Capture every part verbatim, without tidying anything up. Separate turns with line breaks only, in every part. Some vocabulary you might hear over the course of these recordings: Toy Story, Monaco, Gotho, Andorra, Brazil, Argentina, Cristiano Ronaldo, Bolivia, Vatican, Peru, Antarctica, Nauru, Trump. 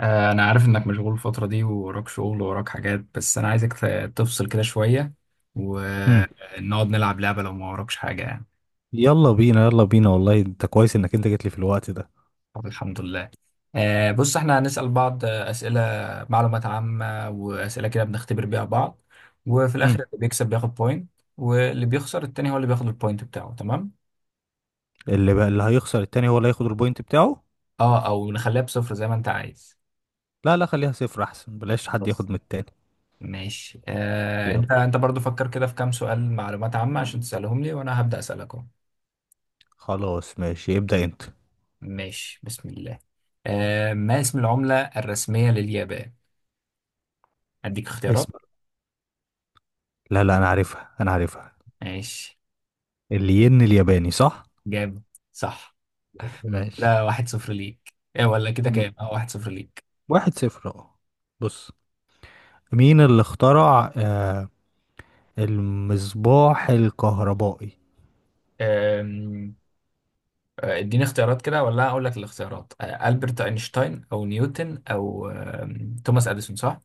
آه، أنا عارف إنك مشغول الفترة دي، ووراك شغل ووراك حاجات، بس أنا عايزك ت- تفصل كده شوية
مم.
ونقعد نلعب لعبة لو ما وراكش حاجة يعني.
يلا بينا، يلا بينا. والله انت كويس انك انت جيت لي في الوقت ده.
طب الحمد لله. آه، بص، إحنا هنسأل بعض آه، أسئلة معلومات عامة وأسئلة كده بنختبر بيها بعض، وفي
مم.
الآخر اللي بيكسب بياخد بوينت، واللي بيخسر التاني هو اللي بياخد البوينت بتاعه، تمام؟
اللي بقى اللي هيخسر التاني هو اللي هياخد البوينت بتاعه.
أه أو نخليها بصفر زي ما أنت عايز.
لا لا، خليها صفر، احسن بلاش حد
بس
ياخد من التاني.
ماشي. آه،
يلا.
أنت أنت برضو فكر كده في كام سؤال معلومات عامة عشان تسألهم لي، وأنا هبدأ أسألك.
خلاص ماشي، ابدأ انت.
ماشي، بسم الله. آه ما اسم العملة الرسمية لليابان؟ أديك اختيارات.
اسمع. لا لا، انا عارفها انا عارفها.
ماشي.
الين الياباني، صح.
جامد، صح. لا،
ماشي.
واحد صفر ليك. إيه ولا كده؟ كام؟
مم.
اه واحد صفر ليك.
واحد صفر، اه. بص. مين اللي اخترع آه المصباح الكهربائي؟
آم، آه، اديني اختيارات كده، ولا أقول لك الاختيارات؟ آه ألبرت أينشتاين، أو نيوتن، أو آم، توماس أديسون، صح؟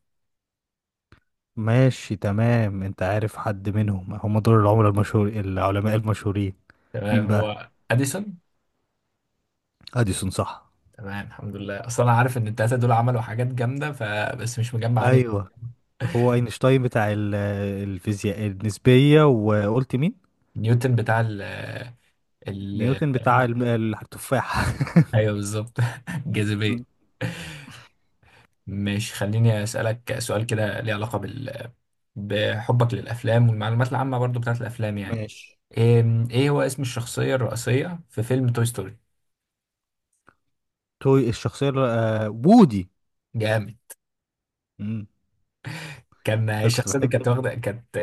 ماشي تمام. انت عارف حد منهم؟ هم دول العملاء المشهور العلماء المشهورين.
تمام،
مين بقى؟
هو أديسون.
اديسون، صح.
تمام، الحمد لله، أصلا أنا عارف إن التلاتة دول عملوا حاجات جامدة، فبس مش مجمع يعني.
ايوه. هو اينشتاين بتاع ال- الفيزياء النسبيه، وقلت مين؟
نيوتن بتاع ال
نيوتن بتاع الم- التفاح
ايوه، بالظبط.
م.
الجاذبية. مش، خليني اسألك سؤال كده ليه علاقة بال... بحبك للأفلام والمعلومات العامة برضو بتاعت الأفلام يعني.
ماشي.
إيه... ايه هو اسم الشخصية الرئيسية في فيلم توي ستوري؟
توي الشخصيه ال- آه، وودي.
جامد.
مم.
كان
ده كنت
الشخصية دي
بحبه.
كانت واخدة كانت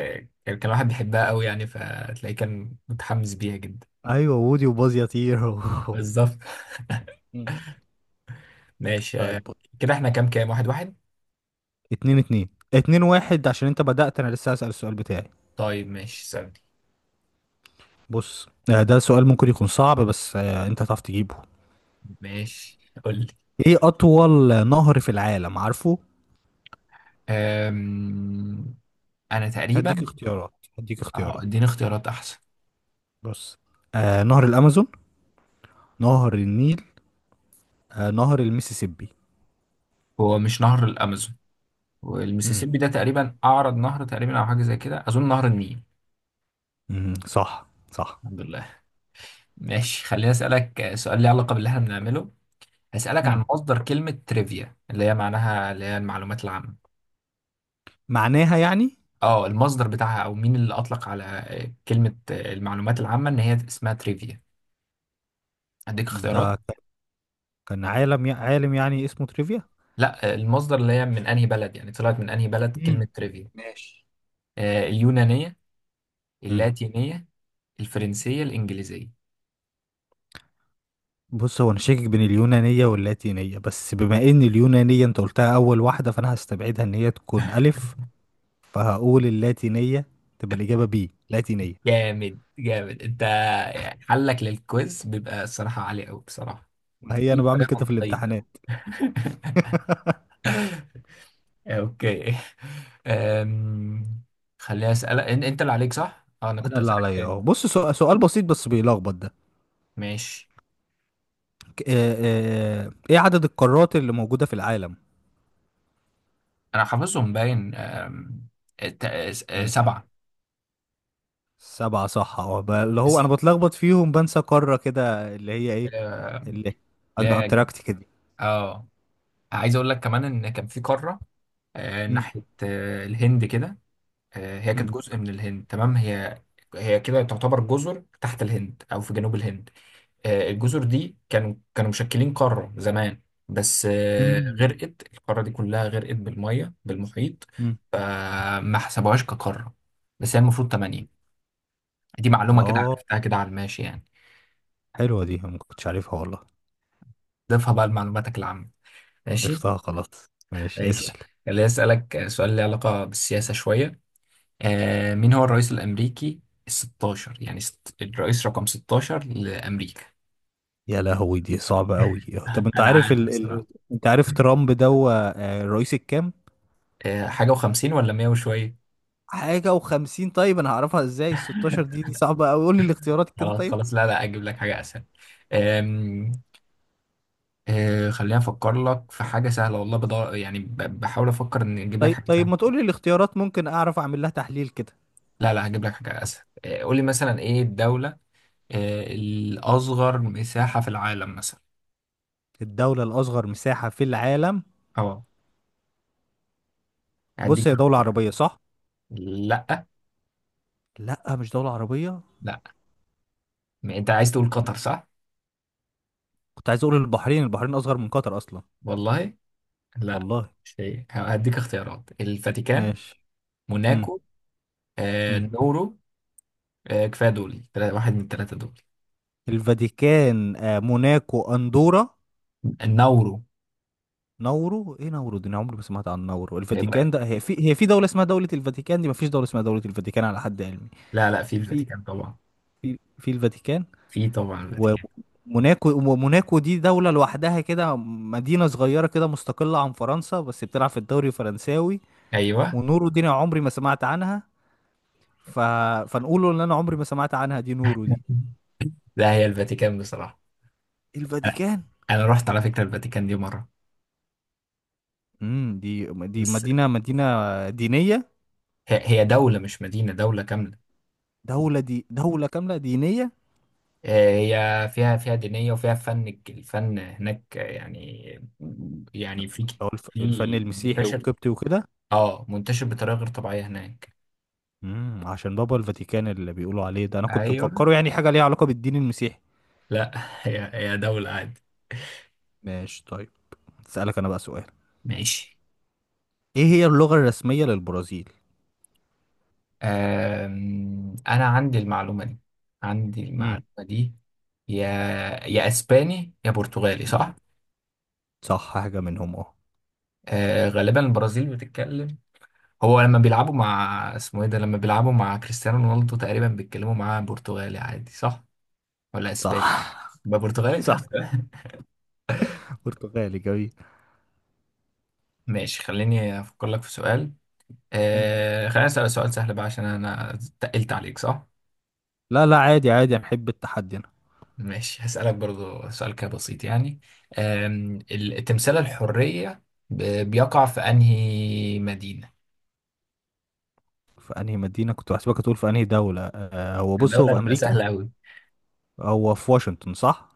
كان كان واحد بيحبها قوي يعني، فتلاقيه كان متحمس بيها جدا.
ايوه، وودي وباز يطير و-
بالظبط.
مم.
ماشي، آه،
طيب بص.
كده احنا كام كام؟ واحد واحد.
اتنين اتنين، اتنين واحد، عشان انت بدأت، انا لسه هسأل السؤال بتاعي.
طيب ماشي، ثاني.
بص، آه، ده سؤال ممكن يكون صعب، بس آه، انت هتعرف تجيبه.
ماشي، قول لي.
ايه اطول نهر في العالم، عارفه؟
أم... انا
هديك
تقريبا.
اختيارات، هديك
اه
اختيارات.
اديني اختيارات احسن.
بص. آه نهر الامازون، نهر النيل، آه نهر المسيسيبي.
هو مش نهر الامازون؟
امم
والميسيسيبي ده تقريبا اعرض نهر تقريبا، او حاجه زي كده. اظن نهر النيل.
امم، صح صح.
الحمد لله. ماشي، خليني اسالك سؤال ليه علاقه باللي احنا بنعمله. هسالك
امم
عن مصدر كلمه تريفيا، اللي هي معناها اللي هي المعلومات العامه.
معناها يعني.
اه المصدر بتاعها، او مين اللي اطلق على كلمه المعلومات العامه ان هي اسمها تريفيا. اديك اختيارات.
ده ك- كان عالم، عالم يعني اسمه تريفيا.
لا، المصدر اللي هي من انهي بلد يعني، طلعت من انهي بلد كلمه
امم.
تريفيا.
ماشي.
آه، اليونانيه،
امم.
اللاتينيه، الفرنسيه، الانجليزيه.
بص، هو انا شاكك بين اليونانيه واللاتينيه، بس بما ان اليونانيه انت قلتها اول واحده، فانا هستبعدها ان هي تكون الف. فهقول اللاتينيه، تبقى الاجابه بي لاتينيه.
جامد جامد انت، يعني حلك للكويز بيبقى الصراحة عالي قوي بصراحة.
وهي
بتحل
انا بعمل
بطريقة
كده في
منطقية.
الامتحانات.
اوكي. أم... خليني اسألك. ان- انت اللي عليك، صح؟ اه، انا كنت
انا اللي
هسألك
عليا
تاني.
اهو. بص، سؤال سؤال بسيط بس بيلخبط ده.
ماشي.
آه، آه، ايه عدد القارات اللي موجودة في العالم؟
انا حافظهم باين. أم... الت- س-
ماشي.
سبعة.
سبعة، صح. اه، ب- اللي هو انا
بس،
بتلخبط فيهم، بنسى قارة كده اللي هي ايه.
أه،
اللي أن
لا،
انتاركتيكا دي.
اه عايز اقول لك كمان ان كان في قارة أه،
مم،
ناحية أه، الهند كده. آه، هي كانت
مم،
جزء من الهند، تمام. هي هي كده تعتبر جزر تحت الهند او في جنوب الهند. آه، الجزر دي كانوا كانوا مشكلين قارة زمان، بس آه،
مم،
غرقت القارة دي كلها، غرقت بالمية بالمحيط،
مم.
فما حسبوهاش كقارة. بس هي المفروض تمانية. دي معلومة كده
اه،
عرفتها كده على الماشي يعني.
حلوة دي، أنا ما كنتش عارفها والله.
ضيفها بقى لمعلوماتك العامة.
أنا
ماشي.
ضفتها خلاص. ماشي، اسأل.
ماشي، اللي أسألك سؤال ليه علاقة بالسياسة شوية. آه، مين هو الرئيس الأمريكي الستاشر، يعني ست- الرئيس رقم ستة عشر لأمريكا؟
يا لهوي، دي صعبة قوي. طب انت
انا
عارف
عارف
ال... ال...
بصراحه.
انت عارف ترامب ده هو آه، الرئيس الكام؟
آه، حاجه وخمسين ولا مية وشويه.
حاجة وخمسين؟ طيب انا هعرفها ازاي الستاشر دي دي صعبة قوي، قول لي الاختيارات كده
خلاص،
طيب.
خلاص، لا، لا، اجيب لك حاجه اسهل. آم، آه، خليني افكر لك في حاجه سهله والله، بدور يعني، ب- بحاول افكر ان اجيب لك
طيب
حاجه
طيب،
سهله.
ما تقولي الاختيارات ممكن اعرف اعمل لها تحليل كده.
لا، لا، هجيب لك حاجه اسهل. آه، قول لي مثلا، ايه الدوله آه، الاصغر مساحه في العالم، مثلا؟
الدولة الأصغر مساحة في العالم.
اه، هديك.
بص، هي دولة عربية، صح؟
لا،
لا، مش دولة عربية.
لا، ما انت عايز تقول قطر؟ صح،
كنت عايز أقول البحرين. البحرين أصغر من قطر أصلا.
والله. لا،
والله.
مش هي. هديك اختيارات: الفاتيكان،
ماشي. مم.
موناكو، آه،
مم.
نورو. آه، كفايه دول، تلا- واحد من الثلاثه دول.
الفاتيكان، آه موناكو، أندورا.
النورو.
نورو؟ إيه نورو دي؟ أنا عمري ما سمعت عن نورو.
هيبقى،
الفاتيكان ده، هي في هي في دولة اسمها دولة الفاتيكان دي؟ ما فيش دولة اسمها دولة الفاتيكان على حد علمي.
لا، لا، في
في
الفاتيكان طبعا.
في في الفاتيكان.
في، طبعا، الفاتيكان.
وموناكو. وموناكو دي دولة لوحدها كده، مدينة صغيرة كده مستقلة عن فرنسا، بس بتلعب في الدوري الفرنساوي.
ايوه،
ونورو دي أنا عمري ما سمعت عنها. ف... فنقوله ان انا عمري ما سمعت عنها، دي نورو دي.
لا، هي الفاتيكان بصراحه. انا
الفاتيكان.
أنا رحت على فكره الفاتيكان دي مره.
امم، دي دي
بس،
مدينة مدينة دينية.
هي هي دوله مش مدينه، دوله كامله.
دولة، دي دولة كاملة دينية.
آه، هي فيها فيها دينيه وفيها فن، الك- الفن هناك، آه، يعني يعني في
أو الف... الفن
في
المسيحي
منتشر،
والقبطي وكده.
اه منتشر بطريقه غير طبيعيه هناك.
امم عشان بابا الفاتيكان اللي بيقولوا عليه ده، انا كنت
ايوه،
مفكره يعني حاجة ليها علاقة بالدين المسيحي.
لا، هي هي دوله عادي.
ماشي طيب. اسألك انا بقى سؤال.
ماشي.
ايه هي اللغة الرسمية للبرازيل؟
آم، انا عندي المعلومه دي عندي المعلومه
مم.
دي يا يا اسباني يا برتغالي،
مم.
صح؟
صح، حاجة منهم، اه.
آه غالبا البرازيل بتتكلم. هو لما بيلعبوا مع اسمه ايه ده، لما بيلعبوا مع كريستيانو رونالدو، تقريبا بيتكلموا معاه برتغالي عادي، صح ولا اسباني؟
صح
يبقى برتغالي. طب
صح،
تمام.
برتغالي، جميل.
ماشي، خليني افكر لك في سؤال.
مم.
آه خليني اسالك سؤال سهل بقى، عشان انا تقلت عليك، صح؟
لا لا، عادي عادي، أنا بحب التحدي أنا.
ماشي، هسألك برضو سؤال كده بسيط يعني. أم، ال- تمثال الحرية ب- بيقع في أنهي مدينة؟
في أنهي مدينة؟ كنت بحسبك هتقول في أنهي دولة. آه هو بص، هو
الدولة
في
هتبقى
أمريكا.
سهلة أوي.
هو في واشنطن، صح؟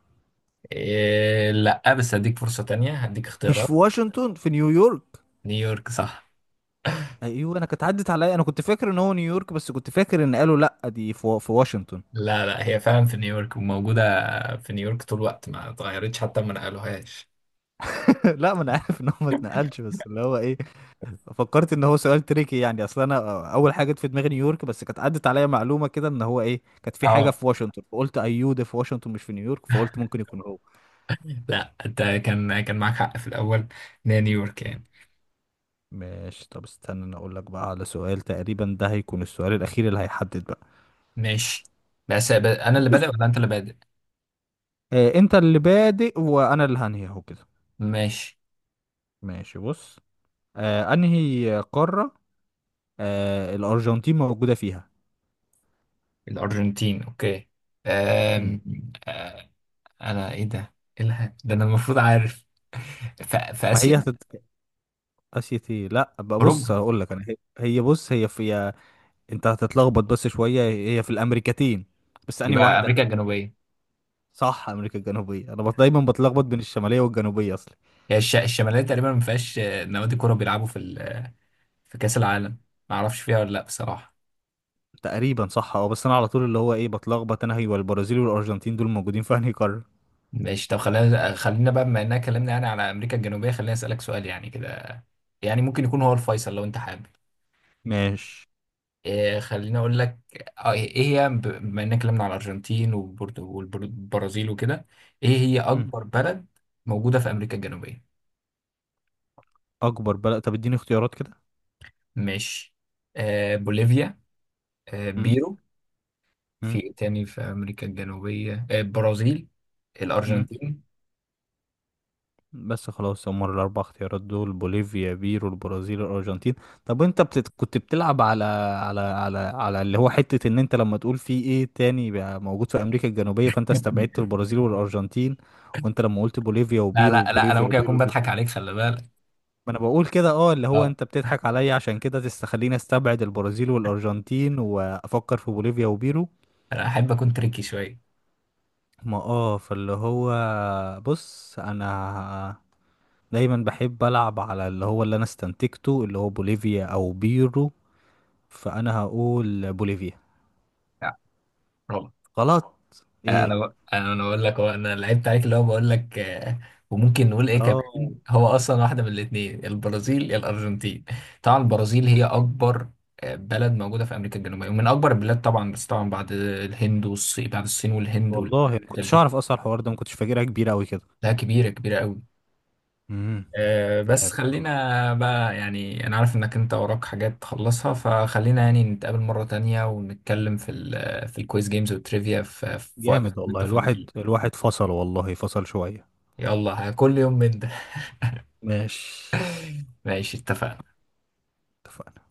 إيه، لأ، بس هديك فرصة تانية، هديك
مش
اختيارات.
في واشنطن، في نيويورك.
نيويورك، صح.
أيوه، أنا كانت عدت عليا، أنا كنت فاكر إن هو نيويورك، بس كنت فاكر إن قالوا لأ، دي في, في واشنطن.
لا، لا، هي فعلا في نيويورك وموجودة في نيويورك طول الوقت، ما اتغيرتش حتى، ما نقلوهاش.
لا ما أنا عارف إن هو ما اتنقلش، بس اللي هو إيه، فكرت ان هو سؤال تريكي يعني، اصل انا اول حاجه جت في دماغي نيويورك، بس كانت عدت عليا معلومه كده ان هو ايه، كانت في حاجه
اه.
في واشنطن، فقلت ايوه ده في واشنطن مش في نيويورك، فقلت ممكن يكون هو.
لا، انت كان كان معاك حق في الأول، إن هي نيويورك يعني.
ماشي. طب استنى انا اقول لك بقى على سؤال، تقريبا ده هيكون السؤال الاخير اللي هيحدد بقى.
ماشي. بس ب- أنا اللي
بص،
بادئ ولا أنت اللي بادئ؟
آه انت اللي بادئ وانا اللي هنهي اهو كده.
ماشي.
ماشي بص. آه انهي قاره آه الارجنتين موجوده فيها؟
الأرجنتين، أوكي.
مم.
أم... أه، أنا، إيه ده؟ إيه الها؟ ده أنا المفروض عارف. ف... في
ما
آسيا؟
هي هتت... اسيا، ايه، لا بقى. بص
أوروبا.
هقول لك انا، هي هي بص، هي في. انت هتتلخبط بس شوية، هي في الامريكتين، بس انهي
يبقى
واحدة؟
أمريكا الجنوبية.
صح، امريكا الجنوبية. انا بط- دايما بتلخبط بين الشمالية والجنوبية اصلا.
هي الش... الشمالية تقريبا ما فيهاش آه، نوادي كورة بيلعبوا في ال... آه، في كأس العالم، ما أعرفش فيها ولا لأ بصراحة.
تقريبا صح، اه. بس انا على طول اللي هو ايه بتلخبط، انا هي والبرازيل والارجنتين دول موجودين في انهي قارة.
ماشي، طب خلينا خلينا بقى، بما إننا اتكلمنا يعني على أمريكا الجنوبية، خليني أسألك سؤال يعني كده، يعني ممكن يكون هو الفيصل لو أنت حابب.
ماشي.
إيه، خليني اقول لك. آه، ايه هي، ب- بما اننا اتكلمنا على الارجنتين وبرد- والبرازيل وكده، ايه هي
مم.
اكبر بلد موجوده في امريكا الجنوبيه؟
اكبر بلد. طب اديني اختيارات كده.
ماشي. آه بوليفيا، آه
مم.
بيرو، في
مم.
إيه تاني في امريكا الجنوبيه، آه البرازيل،
مم.
الارجنتين.
بس خلاص، هم الأربع اختيارات دول: بوليفيا، بيرو، البرازيل، الأرجنتين. طب أنت بتت... كنت بتلعب على على على على اللي هو حتة إن أنت لما تقول في إيه تاني بقى موجود في أمريكا الجنوبية، فأنت استبعدت البرازيل والأرجنتين. وأنت لما قلت بوليفيا
لا،
وبيرو،
لا، لا، انا
بوليفيا
ممكن اكون
وبيرو دي.
بضحك عليك، خلي بالك.
ما أنا بقول كده. أه، اللي هو
اه
أنت بتضحك عليا عشان كده تستخليني أستبعد البرازيل والأرجنتين وأفكر في بوليفيا وبيرو.
انا احب اكون تريكي شويه.
ما أه فاللي هو، بص أنا دايما بحب ألعب على اللي هو اللي أنا استنتجته، اللي هو بوليفيا أو بيرو. فأنا هقول بوليفيا.
لا،
غلط؟
انا
إيه.
ب... انا أنا بقول لك، هو انا لعبت عليك اللي هو بقول لك. آه، وممكن نقول ايه
آه
كمان، هو اصلا واحده من الاثنين، البرازيل يا الارجنتين. طبعا البرازيل هي اكبر آه، بلد موجوده في امريكا الجنوبيه، ومن اكبر البلاد طبعا، بس طبعا بعد الهند والصين، بعد الصين والهند
والله ما
والحتت
كنتش
دي.
أعرف أصلا الحوار ده، ما كنتش فاكرها كبيرة أوي كده.
لا، كبيره كبيره قوي.
امم.
آه، بس
جامد والله،
خلينا بقى يعني، انا عارف انك انت وراك حاجات تخلصها، فخلينا يعني نتقابل مره تانية ونتكلم في ال في الكويز جيمز والتريفيا في في وقت
جامد
تكون انت
والله.
فاضي
الواحد
فيه.
الواحد فصل والله، فصل شوية.
يلا كل يوم من ده.
ماشي.
ماشي، اتفقنا.
اتفقنا.